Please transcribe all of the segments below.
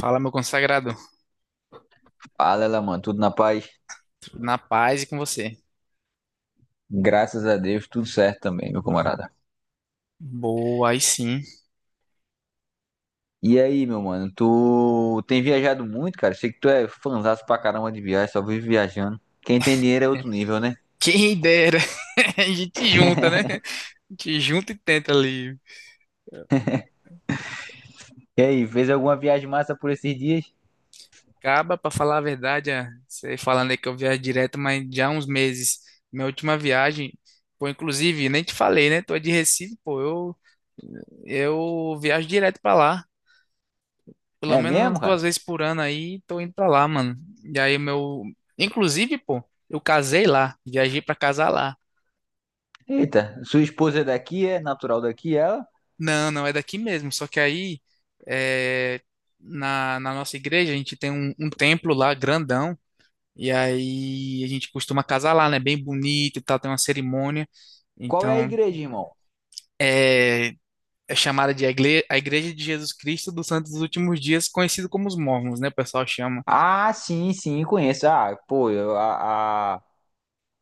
Fala, meu consagrado. Fala, ela, mano, tudo na paz? Na paz e com você. Graças a Deus, tudo certo também, meu camarada. Boa, aí sim. E aí, meu mano, tu tem viajado muito, cara? Sei que tu é fanzaço pra caramba de viagem, só vive viajando. Quem tem dinheiro é outro nível, né? Quem dera. A gente junta, né? A gente junta e tenta ali. E aí, fez alguma viagem massa por esses dias? Acaba, pra falar a verdade, ah, você falando aí que eu viajo direto, mas já há uns meses. Minha última viagem, pô, inclusive, nem te falei, né? Tô de Recife, pô, eu viajo direto pra lá. Pelo É menos umas mesmo, cara? duas vezes por ano aí, tô indo pra lá, mano. E aí, meu. Inclusive, pô, eu casei lá. Viajei pra casar lá. Eita, sua esposa é daqui, é natural daqui, ela? Não, não, é daqui mesmo. Só que aí, é, na nossa igreja, a gente tem um templo lá grandão. E aí a gente costuma casar lá, né? Bem bonito e tal, tem uma cerimônia. Qual é a Então, igreja, irmão? é, é chamada de a igle- a Igreja de Jesus Cristo dos Santos dos Últimos Dias, conhecido como os Mormons, né? O pessoal chama. Ah, sim, sim, conheço. Ah, pô, eu- a, a,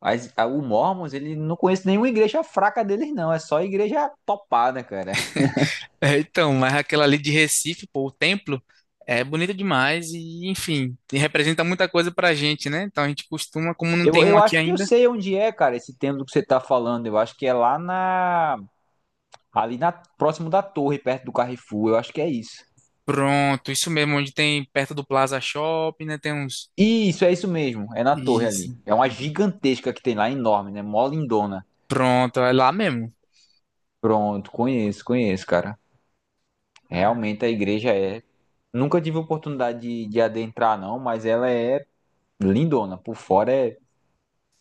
as- a- o Mormons, ele não conhece nenhuma igreja fraca deles, não. É só igreja topada, cara. É, então, mas aquela ali de Recife, pô, o templo é bonito demais e, enfim, e representa muita coisa pra gente, né? Então a gente costuma, como não Eu, tem um eu aqui acho que eu ainda. sei onde é, cara, esse templo que você tá falando. Eu acho que é lá na. Ali na, próximo da torre, perto do Carrefour. Eu acho que é isso. Pronto, isso mesmo, onde tem perto do Plaza Shopping, né? Tem uns. Isso, é isso mesmo. É na torre ali. Isso. É uma gigantesca que tem lá, enorme, né? Mó lindona. Pronto, é lá mesmo. Pronto, conheço, conheço, cara. Ah, Realmente a igreja é. Nunca tive oportunidade de, adentrar, não, mas ela é lindona. Por fora é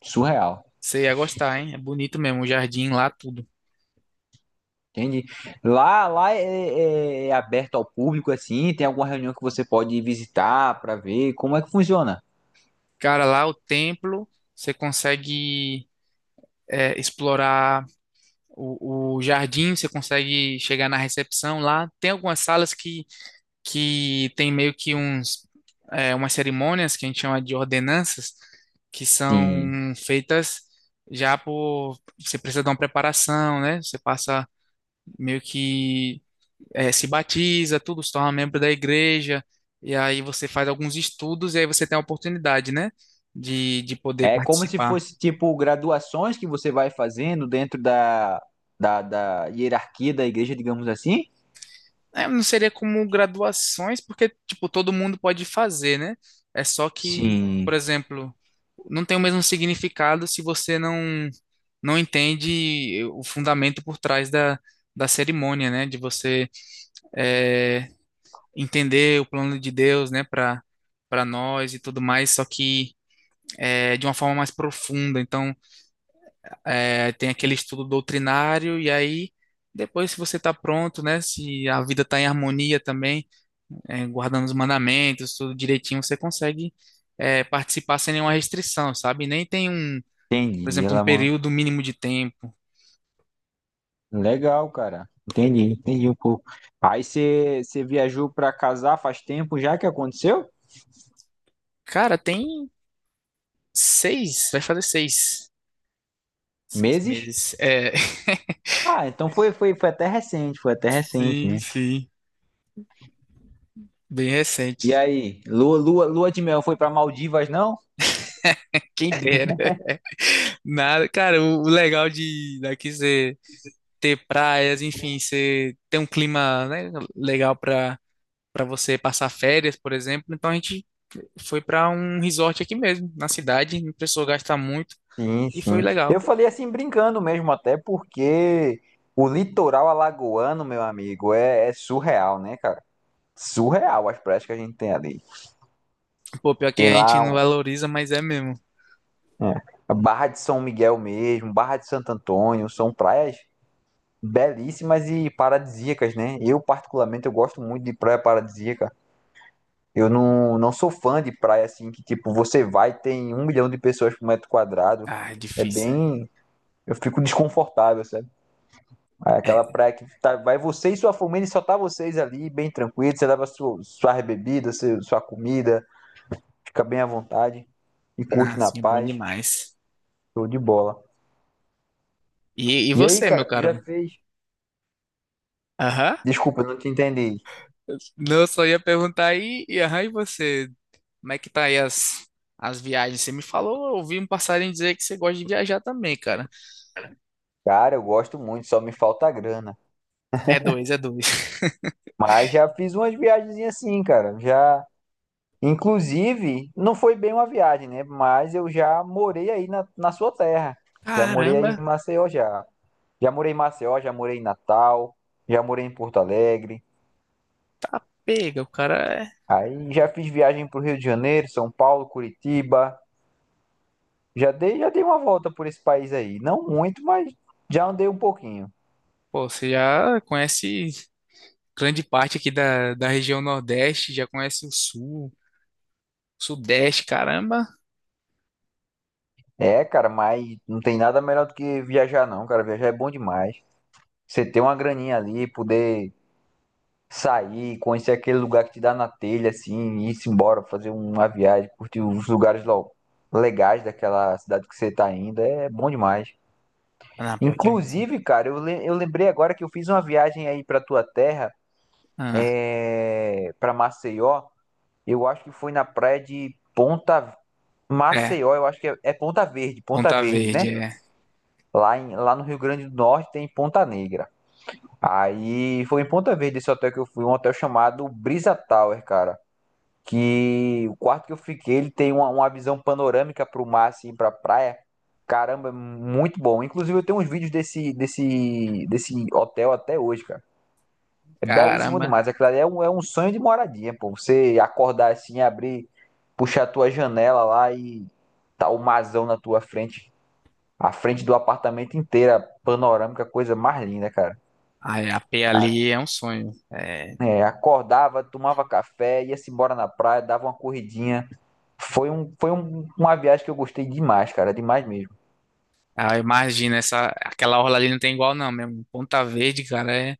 surreal. você ia gostar, hein? É bonito mesmo, o jardim lá, tudo. Entende? Lá é, é aberto ao público, assim, tem alguma reunião que você pode visitar para ver como é que funciona? Cara, lá o templo, você consegue é, explorar o jardim, você consegue chegar na recepção lá. Tem algumas salas que tem meio que uns, é, umas cerimônias que a gente chama de ordenanças, que são Sim. feitas já por. Você precisa dar uma preparação, né? Você passa meio que se batiza, tudo, se torna membro da igreja, e aí você faz alguns estudos e aí você tem a oportunidade, né, de poder É como se participar. fosse, tipo, graduações que você vai fazendo dentro da hierarquia da igreja, digamos assim? É, não seria como graduações, porque, tipo, todo mundo pode fazer, né? É só que, por Sim. exemplo, não tem o mesmo significado se você não entende o fundamento por trás da, da cerimônia, né? De você eh, entender o plano de Deus, né, para nós e tudo mais, só que é, de uma forma mais profunda. Então, é, tem aquele estudo doutrinário, e aí, depois, se você está pronto, né, se a vida está em harmonia também, é, guardando os mandamentos, tudo direitinho, você consegue, é, participar sem nenhuma restrição, sabe? Nem tem um, por Entendi. exemplo, um Ela, mano. período mínimo de tempo. Legal, cara. Entendi, entendi um pouco. Aí você viajou para casar faz tempo já que aconteceu? Cara, tem seis, vai fazer seis, seis Meses? meses. É, Ah, então foi até recente, foi até recente, sim, né? sim. Bem E recente. aí, lua de mel foi para Maldivas, não? Quem dera. Nada, cara, o legal de daqui ser ter praias, enfim, você ter um clima, né, legal para você passar férias, por exemplo. Então a gente foi para um resort aqui mesmo, na cidade, não precisou gastar muito Sim, e foi sim. legal. Eu falei assim brincando mesmo, até porque o litoral alagoano, meu amigo, é surreal, né, cara? Surreal as praias que a gente tem ali. Pô, pior que Tem a gente lá não valoriza, mas é mesmo. é, a Barra de São Miguel mesmo, Barra de Santo Antônio, são praias belíssimas e paradisíacas, né? Eu, particularmente, eu gosto muito de praia paradisíaca. Eu não sou fã de praia assim, que tipo, você vai e tem um milhão de pessoas por metro quadrado. Ah, é É difícil. É, bem, eu fico desconfortável, sabe? Aí aquela é praia que tá, vai você e sua família e só tá vocês ali, bem tranquilo. Você leva sua bebida, sua comida, fica bem à vontade e curte na nossa, é bom paz. demais. Show de bola. E E aí, você, meu cara, tu já caro? fez? Aham. Desculpa, eu não te entendi. Não, eu só ia perguntar aí, e aham, e você? Como é que tá aí as viagens? Você me falou, eu ouvi um passarinho dizer que você gosta de viajar também, cara. Cara, eu gosto muito, só me falta a grana. É dois, é dois. Mas já fiz umas viagens assim, cara. Já Inclusive, não foi bem uma viagem, né? Mas eu já morei aí na sua terra. Já morei aí em Caramba! Maceió, já. Já morei em Maceió, já morei em Natal, já morei em Porto Alegre. Pega, o cara é. Aí já fiz viagem para o Rio de Janeiro, São Paulo, Curitiba. Já dei uma volta por esse país aí. Não muito, mas já andei um pouquinho. Pô, você já conhece grande parte aqui da, da região Nordeste, já conhece o Sul, Sudeste, caramba. É, cara, mas não tem nada melhor do que viajar, não, cara. Viajar é bom demais. Você ter uma graninha ali, poder sair, conhecer aquele lugar que te dá na telha, assim, e ir-se embora, fazer uma viagem, curtir os lugares legais daquela cidade que você tá indo, é bom demais. Ah, não, pior que é mesmo. Inclusive, cara, eu lembrei agora que eu fiz uma viagem aí pra tua terra, Ah, pra Maceió, eu acho que foi na praia de Ponta... é, Maceió, eu acho que é Ponta Verde, Ponta Ponta Verde, Verde, né? é. Lá, lá no Rio Grande do Norte tem Ponta Negra. Aí foi em Ponta Verde esse hotel que eu fui, um hotel chamado Brisa Tower, cara. Que o quarto que eu fiquei, ele tem uma visão panorâmica pro mar, assim, pra praia. Caramba, é muito bom. Inclusive, eu tenho uns vídeos desse hotel até hoje, cara. É belíssimo Caramba. demais. Aquilo ali é um sonho de moradia, pô. Você acordar assim, abrir, puxar a tua janela lá e tá o marzão na tua frente. A frente do apartamento inteira, panorâmica, coisa mais linda, cara. Ai, a P A- ali é um sonho. É. Acordava, tomava café, ia-se embora na praia, dava uma corridinha. Uma viagem que eu gostei demais, cara, demais mesmo. Ah, imagina, essa, aquela orla ali não tem igual, não mesmo. Ponta Verde, cara, é,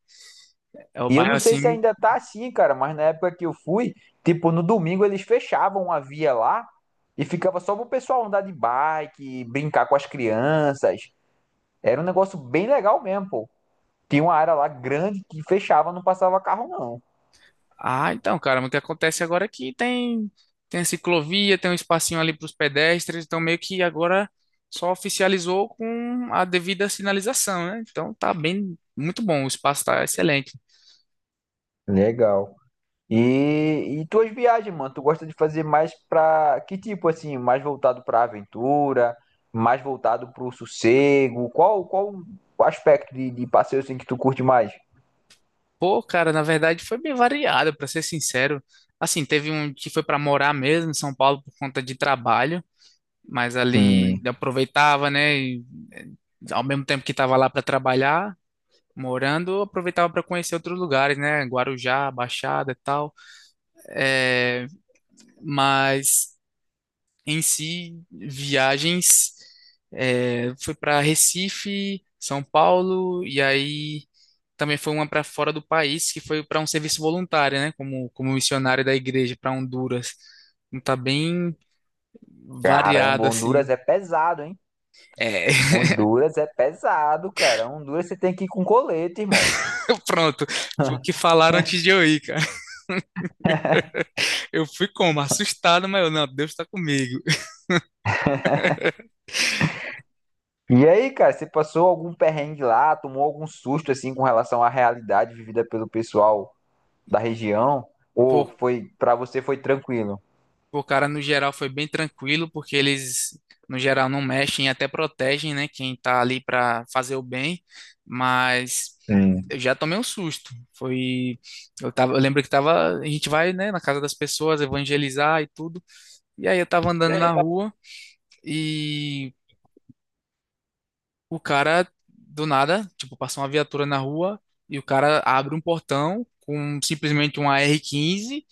é o E eu bairro não sei assim. se ainda tá assim, cara, mas na época que eu fui, tipo, no domingo eles fechavam a via lá e ficava só pro pessoal andar de bike, brincar com as crianças. Era um negócio bem legal mesmo, pô. Tinha uma área lá grande que fechava, não passava carro, não. Ah, então, cara, mas o que acontece agora é que tem, tem a ciclovia, tem um espacinho ali para os pedestres, então meio que agora só oficializou com a devida sinalização, né? Então tá bem, muito bom, o espaço tá excelente. Legal. E tuas viagens, mano, tu gosta de fazer mais pra que tipo assim, mais voltado pra aventura, mais voltado pro sossego? Qual o aspecto de, passeio assim que tu curte mais? Pô, cara, na verdade foi bem variado, para ser sincero. Assim, teve um que foi para morar mesmo em São Paulo por conta de trabalho, mas ali Sim. aproveitava, né? E, eh, ao mesmo tempo que estava lá para trabalhar, morando, aproveitava para conhecer outros lugares, né? Guarujá, Baixada e tal. É, mas em si, viagens, é, foi para Recife, São Paulo, e aí também foi uma para fora do país, que foi para um serviço voluntário, né? Como missionário da igreja para Honduras. Então tá bem Caramba, variado, assim. Honduras é pesado, hein? É, Honduras é pesado, cara. Honduras você tem que ir com colete, irmão. pronto. Foi o que falaram antes de eu ir, cara. Eu fui como? Assustado, mas eu, não, Deus tá comigo. E aí, cara, você passou algum perrengue lá, tomou algum susto assim com relação à realidade vivida pelo pessoal da região? Ou Pô, foi para você foi tranquilo? o cara, no geral, foi bem tranquilo, porque eles, no geral, não mexem e até protegem, né? Quem tá ali pra fazer o bem. Mas Sim. eu já tomei um susto. Foi. Eu tava, eu lembro que tava. A gente vai, né, na casa das pessoas, evangelizar e tudo. E aí eu tava andando na rua e o cara, do nada, tipo, passou uma viatura na rua e o cara abre um portão com simplesmente um AR-15,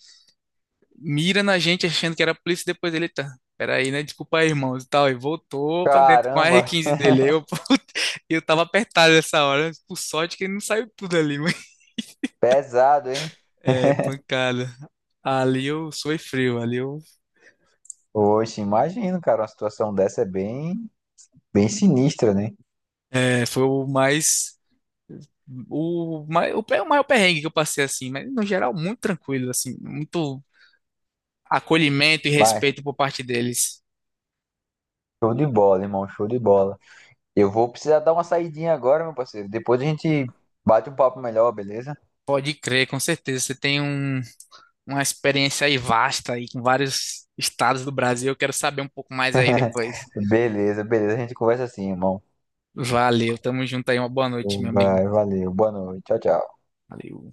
mira na gente achando que era a polícia, depois ele tá. Peraí, né? Desculpa aí, irmãos, e tal. E voltou pra dentro com a Caramba, R15 dele. Eu, puta, eu tava apertado nessa hora. Né? Por sorte que ele não saiu tudo ali, mas pesado, hein? é pancada. Ali eu suei frio. Ali eu Oxe, imagino, cara, uma situação dessa é bem, bem sinistra, né? é, foi o o maior perrengue que eu passei assim, mas no geral muito tranquilo assim, muito acolhimento e Vai, respeito por parte deles. show de bola, irmão, show de bola. Eu vou precisar dar uma saidinha agora, meu parceiro. Depois a gente bate um papo melhor, beleza? Pode crer, com certeza. Você tem um, uma experiência aí vasta aí com vários estados do Brasil. Eu quero saber um pouco mais aí depois. Beleza, beleza, a gente conversa assim, irmão. Valeu, tamo junto aí. Uma boa noite, meu amigo. Vai, valeu, boa noite, tchau, tchau. Valeu.